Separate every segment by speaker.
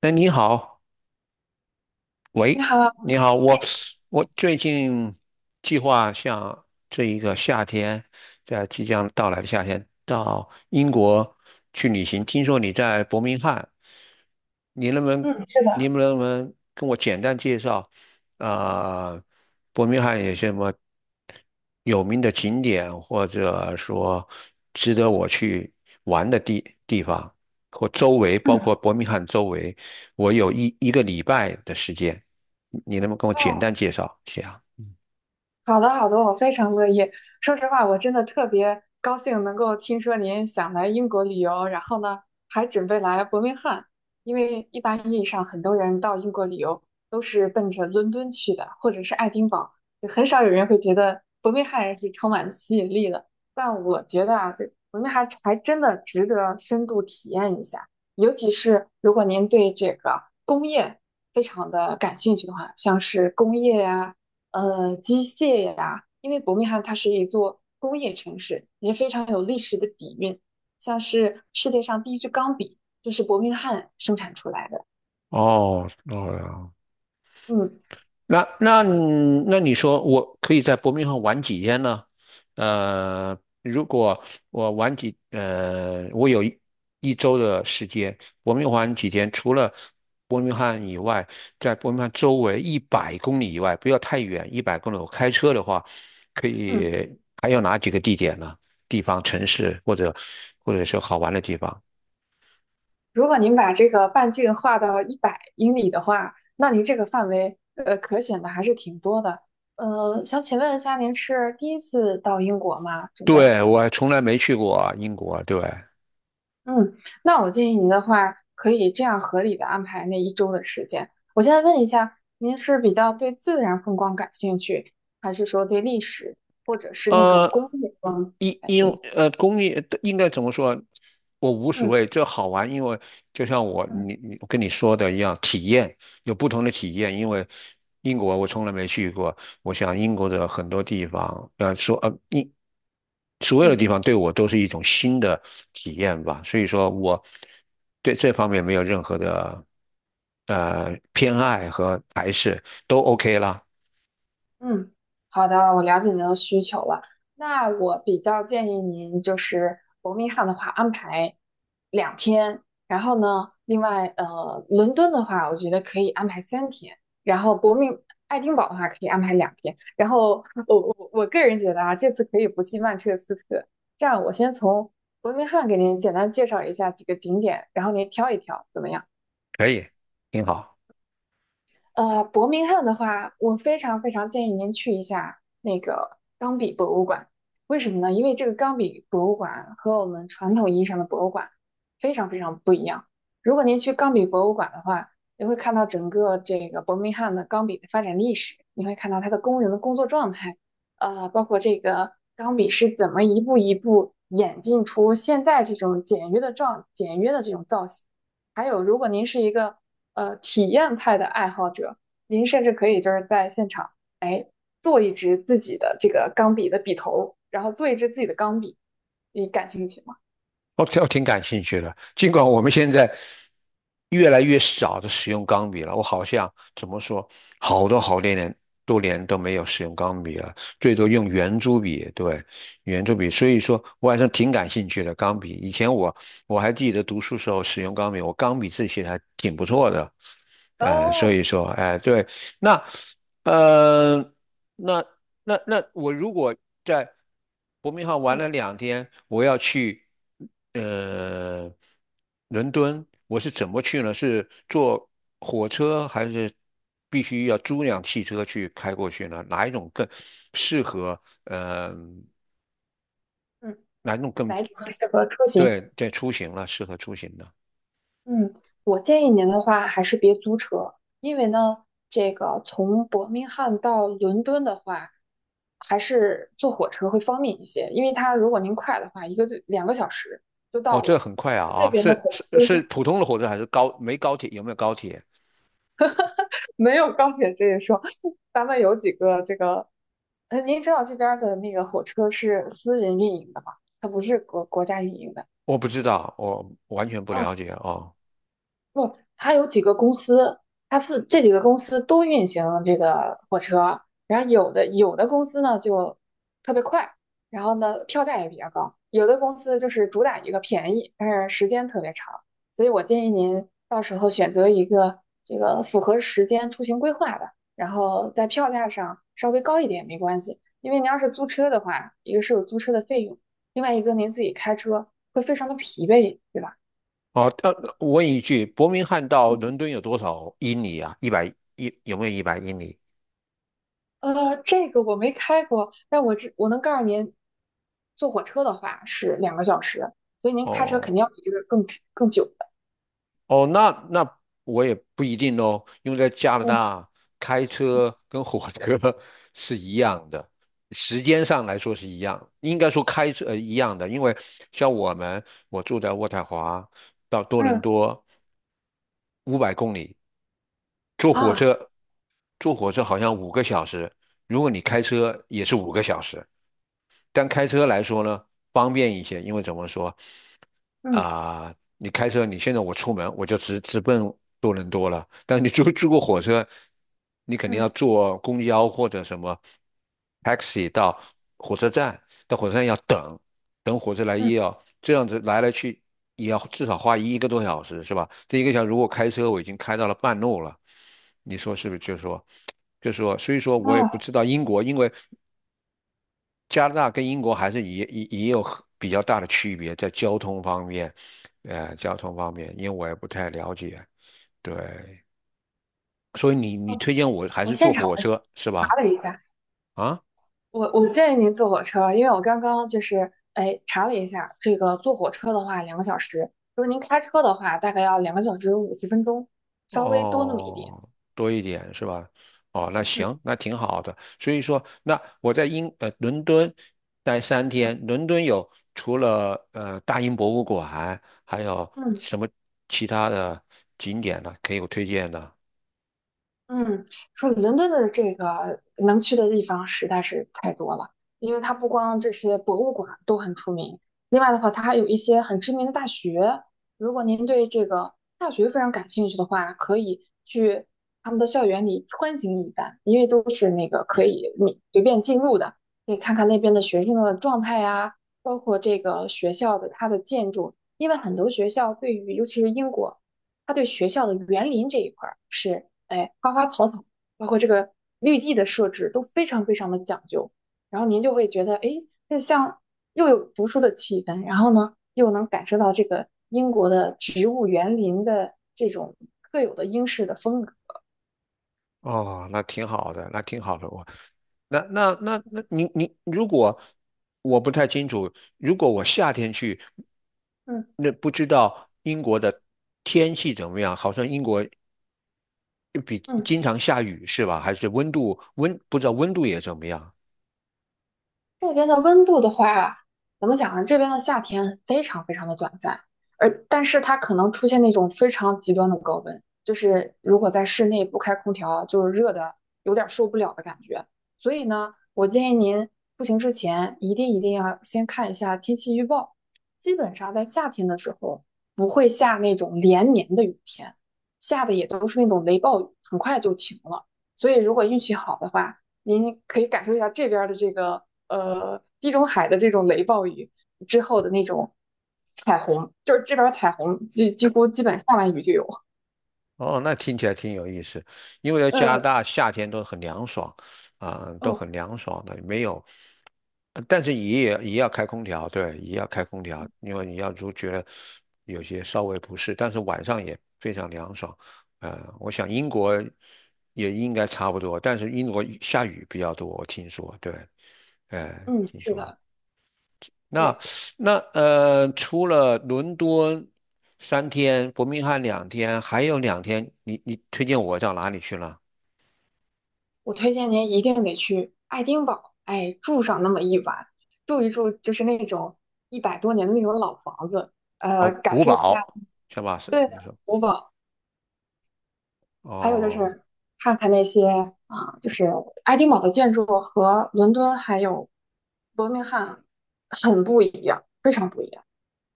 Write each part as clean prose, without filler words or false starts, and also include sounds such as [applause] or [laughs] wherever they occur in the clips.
Speaker 1: 哎，你好。
Speaker 2: 你
Speaker 1: 喂，
Speaker 2: 好，
Speaker 1: 你好。我
Speaker 2: 哎，
Speaker 1: 我最近计划像这一个夏天，在即将到来的夏天到英国去旅行。听说你在伯明翰，你能不能
Speaker 2: 嗯，是
Speaker 1: 你能
Speaker 2: 的，
Speaker 1: 不能跟我简单介绍啊、呃伯明翰有什么有名的景点，或者说值得我去玩的地方，或周围，包
Speaker 2: 嗯，
Speaker 1: 括伯明翰周围。我有一个礼拜的时间，你能不能跟我简
Speaker 2: 哦，
Speaker 1: 单介绍一下？
Speaker 2: 好的，好的，我非常乐意。说实话，我真的特别高兴能够听说您想来英国旅游，然后呢，还准备来伯明翰。因为一般意义上，很多人到英国旅游都是奔着伦敦去的，或者是爱丁堡，就很少有人会觉得伯明翰是充满吸引力的。但我觉得啊，这伯明翰还真的值得深度体验一下，尤其是如果您对这个工业非常的感兴趣的话，像是工业呀、机械呀，因为伯明翰它是一座工业城市，也非常有历史的底蕴。像是世界上第一支钢笔就是伯明翰生产出来的。
Speaker 1: 哦，哦。
Speaker 2: 嗯
Speaker 1: 那那那你说我可以在伯明翰玩几天呢？如果我玩几呃，我有一周的时间，伯明翰几天，除了伯明翰以外，在伯明翰周围一百公里以外，不要太远，一百公里，我开车的话，可
Speaker 2: 嗯，
Speaker 1: 以还有哪几个地点呢？地方、城市或者是好玩的地方？
Speaker 2: 如果您把这个半径画到100英里的话，那您这个范围可选的还是挺多的。想请问一下，您是第一次到英国吗？准备？
Speaker 1: 对，我还从来没去过英国。对。
Speaker 2: 嗯，那我建议您的话，可以这样合理的安排那一周的时间。我现在问一下，您是比较对自然风光感兴趣，还是说对历史，或者是那种
Speaker 1: 呃，
Speaker 2: 工业风？
Speaker 1: 因因呃，公业应该怎么说？我无所
Speaker 2: 嗯
Speaker 1: 谓，这好玩。因为就像
Speaker 2: 嗯
Speaker 1: 我跟你说的一样，体验有不同的体验。因为英国我从来没去过，我想英国的很多地方，所有的
Speaker 2: 嗯，
Speaker 1: 地方对我都是一种新的体验吧。所以说我对这方面没有任何的偏爱和排斥，都 OK 啦。
Speaker 2: 嗯，好的，我了解您的需求了。那我比较建议您，就是伯明翰的话安排两天，然后呢，另外伦敦的话，我觉得可以安排3天，然后爱丁堡的话可以安排两天。然后我个人觉得啊，这次可以不去曼彻斯特。这样，我先从伯明翰给您简单介绍一下几个景点，然后您挑一挑，怎么样？
Speaker 1: 可以，挺好。
Speaker 2: 伯明翰的话，我非常非常建议您去一下那个钢笔博物馆。为什么呢？因为这个钢笔博物馆和我们传统意义上的博物馆非常非常不一样。如果您去钢笔博物馆的话，你会看到整个这个伯明翰的钢笔的发展历史，你会看到它的工人的工作状态，包括这个钢笔是怎么一步一步演进出现在这种简约的状简约的这种造型。还有，如果您是一个体验派的爱好者，您甚至可以就是在现场，哎，做一支自己的这个钢笔的笔头，然后做一支自己的钢笔，你感兴趣吗？
Speaker 1: 我挺感兴趣的。尽管我们现在越来越少的使用钢笔了，我好像怎么说，好多好多年多年都没有使用钢笔了，最多用圆珠笔。对，圆珠笔。所以说我还是挺感兴趣的钢笔。以前我还记得读书时候使用钢笔，我钢笔字写的还挺不错的。哎、所
Speaker 2: 哦，
Speaker 1: 以说，哎、对。那呃，那那我如果在伯明翰玩
Speaker 2: 嗯
Speaker 1: 了两天，我要去呃伦敦，我是怎么去呢？是坐火车还是必须要租辆汽车去开过去呢？哪一种更适合？嗯，
Speaker 2: 嗯，哪一种更适合出行？
Speaker 1: 对，在出行了，适合出行的。
Speaker 2: 嗯，我建议您的话还是别租车，因为呢，这个从伯明翰到伦敦的话，还是坐火车会方便一些，因为它如果您快的话，一个就两个小时就
Speaker 1: 哦，
Speaker 2: 到
Speaker 1: 这
Speaker 2: 了。
Speaker 1: 很快啊
Speaker 2: 这
Speaker 1: 啊，
Speaker 2: 边的
Speaker 1: 是
Speaker 2: 火
Speaker 1: 是是
Speaker 2: 车
Speaker 1: 普通的火车还是高？没高铁？有没有高铁？
Speaker 2: 没有高铁这一说，[laughs] 咱们有几个这个，您知道这边儿的那个火车是私人运营的吗？它不是国家运营的。
Speaker 1: 我不知道，我完全不
Speaker 2: 嗯，
Speaker 1: 了解哦。
Speaker 2: 不，它有几个公司，它是这几个公司都运行这个火车，然后有的公司呢就特别快，然后呢票价也比较高，有的公司就是主打一个便宜，但是时间特别长，所以我建议您到时候选择一个这个符合时间出行规划的，然后在票价上稍微高一点没关系，因为您要是租车的话，一个是有租车的费用，另外一个您自己开车会非常的疲惫，对吧？
Speaker 1: 哦，我问一句，伯明翰到伦敦有多少英里啊？一百一有没有100英里？
Speaker 2: 这个我没开过，但我能告诉您，坐火车的话是两个小时，所以您开车
Speaker 1: 哦
Speaker 2: 肯定要比这个更久的。
Speaker 1: 哦。那我也不一定哦。因为在加拿
Speaker 2: 嗯
Speaker 1: 大开车跟火车 [laughs] 是一样的，时间上来说是一样，应该说开车一样的。因为像我们我住在渥太华到多伦
Speaker 2: 嗯，
Speaker 1: 多500公里，坐火
Speaker 2: 啊，
Speaker 1: 车坐火车好像五个小时，如果你开车也是五个小时。但开车来说呢，方便一些。因为怎么说
Speaker 2: 嗯
Speaker 1: 啊、你开车，你现在我出门我就直奔多伦多了。但你坐过火车，你肯定要
Speaker 2: 嗯
Speaker 1: 坐公交或者什么 taxi 到火车站，到火车站要等，等火车来也
Speaker 2: 嗯，
Speaker 1: 要这样子来来去也要至少花1个多小时，是吧？这1个小时如果开车，我已经开到了半路了，你说是不是？就是说，所以说我也不
Speaker 2: 啊，
Speaker 1: 知道英国。因为加拿大跟英国还是也有很比较大的区别，在交通方面，因为我也不太了解，对。所以你
Speaker 2: 哦，
Speaker 1: 推荐我还
Speaker 2: 我
Speaker 1: 是坐
Speaker 2: 现场
Speaker 1: 火
Speaker 2: 的
Speaker 1: 车是
Speaker 2: 查
Speaker 1: 吧？
Speaker 2: 了一下，
Speaker 1: 啊，
Speaker 2: 我建议您坐火车，因为我刚刚就是哎查了一下，这个坐火车的话两个小时，如果您开车的话大概要2个小时50分钟，稍微多那么一点。
Speaker 1: 哦，多一点是吧？哦，那
Speaker 2: 嗯
Speaker 1: 行，那挺好的。所以说，那我在伦敦待三天，
Speaker 2: 嗯
Speaker 1: 伦敦有除了大英博物馆，还有
Speaker 2: 嗯。
Speaker 1: 什么其他的景点呢？可以有推荐的？
Speaker 2: 嗯，说伦敦的这个能去的地方实在是太多了，因为它不光这些博物馆都很出名，另外的话，它还有一些很知名的大学。如果您对这个大学非常感兴趣的话，可以去他们的校园里穿行一番，因为都是那个可以你随便进入的，可以看看那边的学生的状态呀，包括这个学校的它的建筑，因为很多学校对于尤其是英国，它对学校的园林这一块儿是。哎，花花草草，包括这个绿地的设置都非常非常的讲究。然后您就会觉得，哎，这像又有读书的气氛，然后呢，又能感受到这个英国的植物园林的这种特有的英式的风格。
Speaker 1: 哦，那挺好的，那挺好的。我，那那那那，你你，如果我不太清楚，如果我夏天去，
Speaker 2: 嗯
Speaker 1: 那不知道英国的天气怎么样？好像英国比
Speaker 2: 嗯。
Speaker 1: 经常下雨是吧？还是温度不知道温度也怎么样？
Speaker 2: 这边的温度的话，怎么讲呢？这边的夏天非常非常的短暂，但是它可能出现那种非常极端的高温，就是如果在室内不开空调，就是热的有点受不了的感觉。所以呢，我建议您出行之前一定一定要先看一下天气预报。基本上在夏天的时候不会下那种连绵的雨天，下的也都是那种雷暴雨，很快就晴了。所以如果运气好的话，您可以感受一下这边的这个地中海的这种雷暴雨之后的那种彩虹，就是这边彩虹几乎基本下完雨就有。
Speaker 1: 哦，那听起来挺有意思。因为在加拿
Speaker 2: 嗯，
Speaker 1: 大夏天都很凉爽。啊、都
Speaker 2: 哦，
Speaker 1: 很凉爽的，没有。但是也要开空调。对，也要开空调。因为你要觉得有些稍微不适，但是晚上也非常凉爽。我想英国也应该差不多，但是英国下雨比较多，我听说。对。呃，
Speaker 2: 嗯，
Speaker 1: 听
Speaker 2: 是
Speaker 1: 说。
Speaker 2: 的，
Speaker 1: 那
Speaker 2: 对，
Speaker 1: 那呃，除了伦敦三天，伯明翰两天，还有两天，你推荐我到哪里去了？
Speaker 2: 我推荐您一定得去爱丁堡，哎，住上那么一晚，住一住就是那种100多年的那种老房子，
Speaker 1: 哦，
Speaker 2: 感
Speaker 1: 古
Speaker 2: 受一下，
Speaker 1: 堡是吧？是
Speaker 2: 对
Speaker 1: 你
Speaker 2: 的，
Speaker 1: 说。
Speaker 2: 古堡。还有就
Speaker 1: 哦
Speaker 2: 是看看那些啊、就是爱丁堡的建筑和伦敦还有伯明翰很不一样，非常不一样。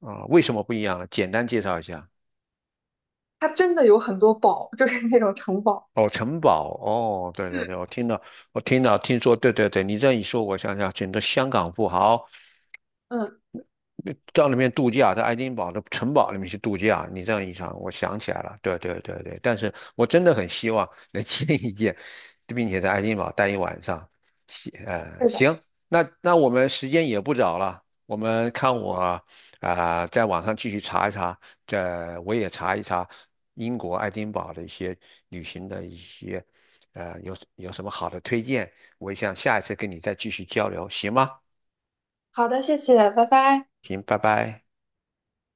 Speaker 1: 啊，为什么不一样呢？简单介绍一下。
Speaker 2: 它真的有很多堡，就是那种城堡。
Speaker 1: 哦，城堡哦，对
Speaker 2: 嗯，
Speaker 1: 对对。我听到，我听到，听说，对对对。你这样一说，我想想，整个香港富豪
Speaker 2: 嗯，
Speaker 1: 到那边度假，在爱丁堡的城堡里面去度假。你这样一想，我想起来了，对对对对。但是我真的很希望能 [laughs] 见一见，并且在爱丁堡待1晚上。行，
Speaker 2: 是的。
Speaker 1: 行。那我们时间也不早了，我们看我啊、在网上继续查一查，这我也查一查英国爱丁堡的一些旅行的一些。有什么好的推荐。我想下一次跟你再继续交流，行吗？
Speaker 2: 好的，谢谢，拜拜。
Speaker 1: 行，拜拜。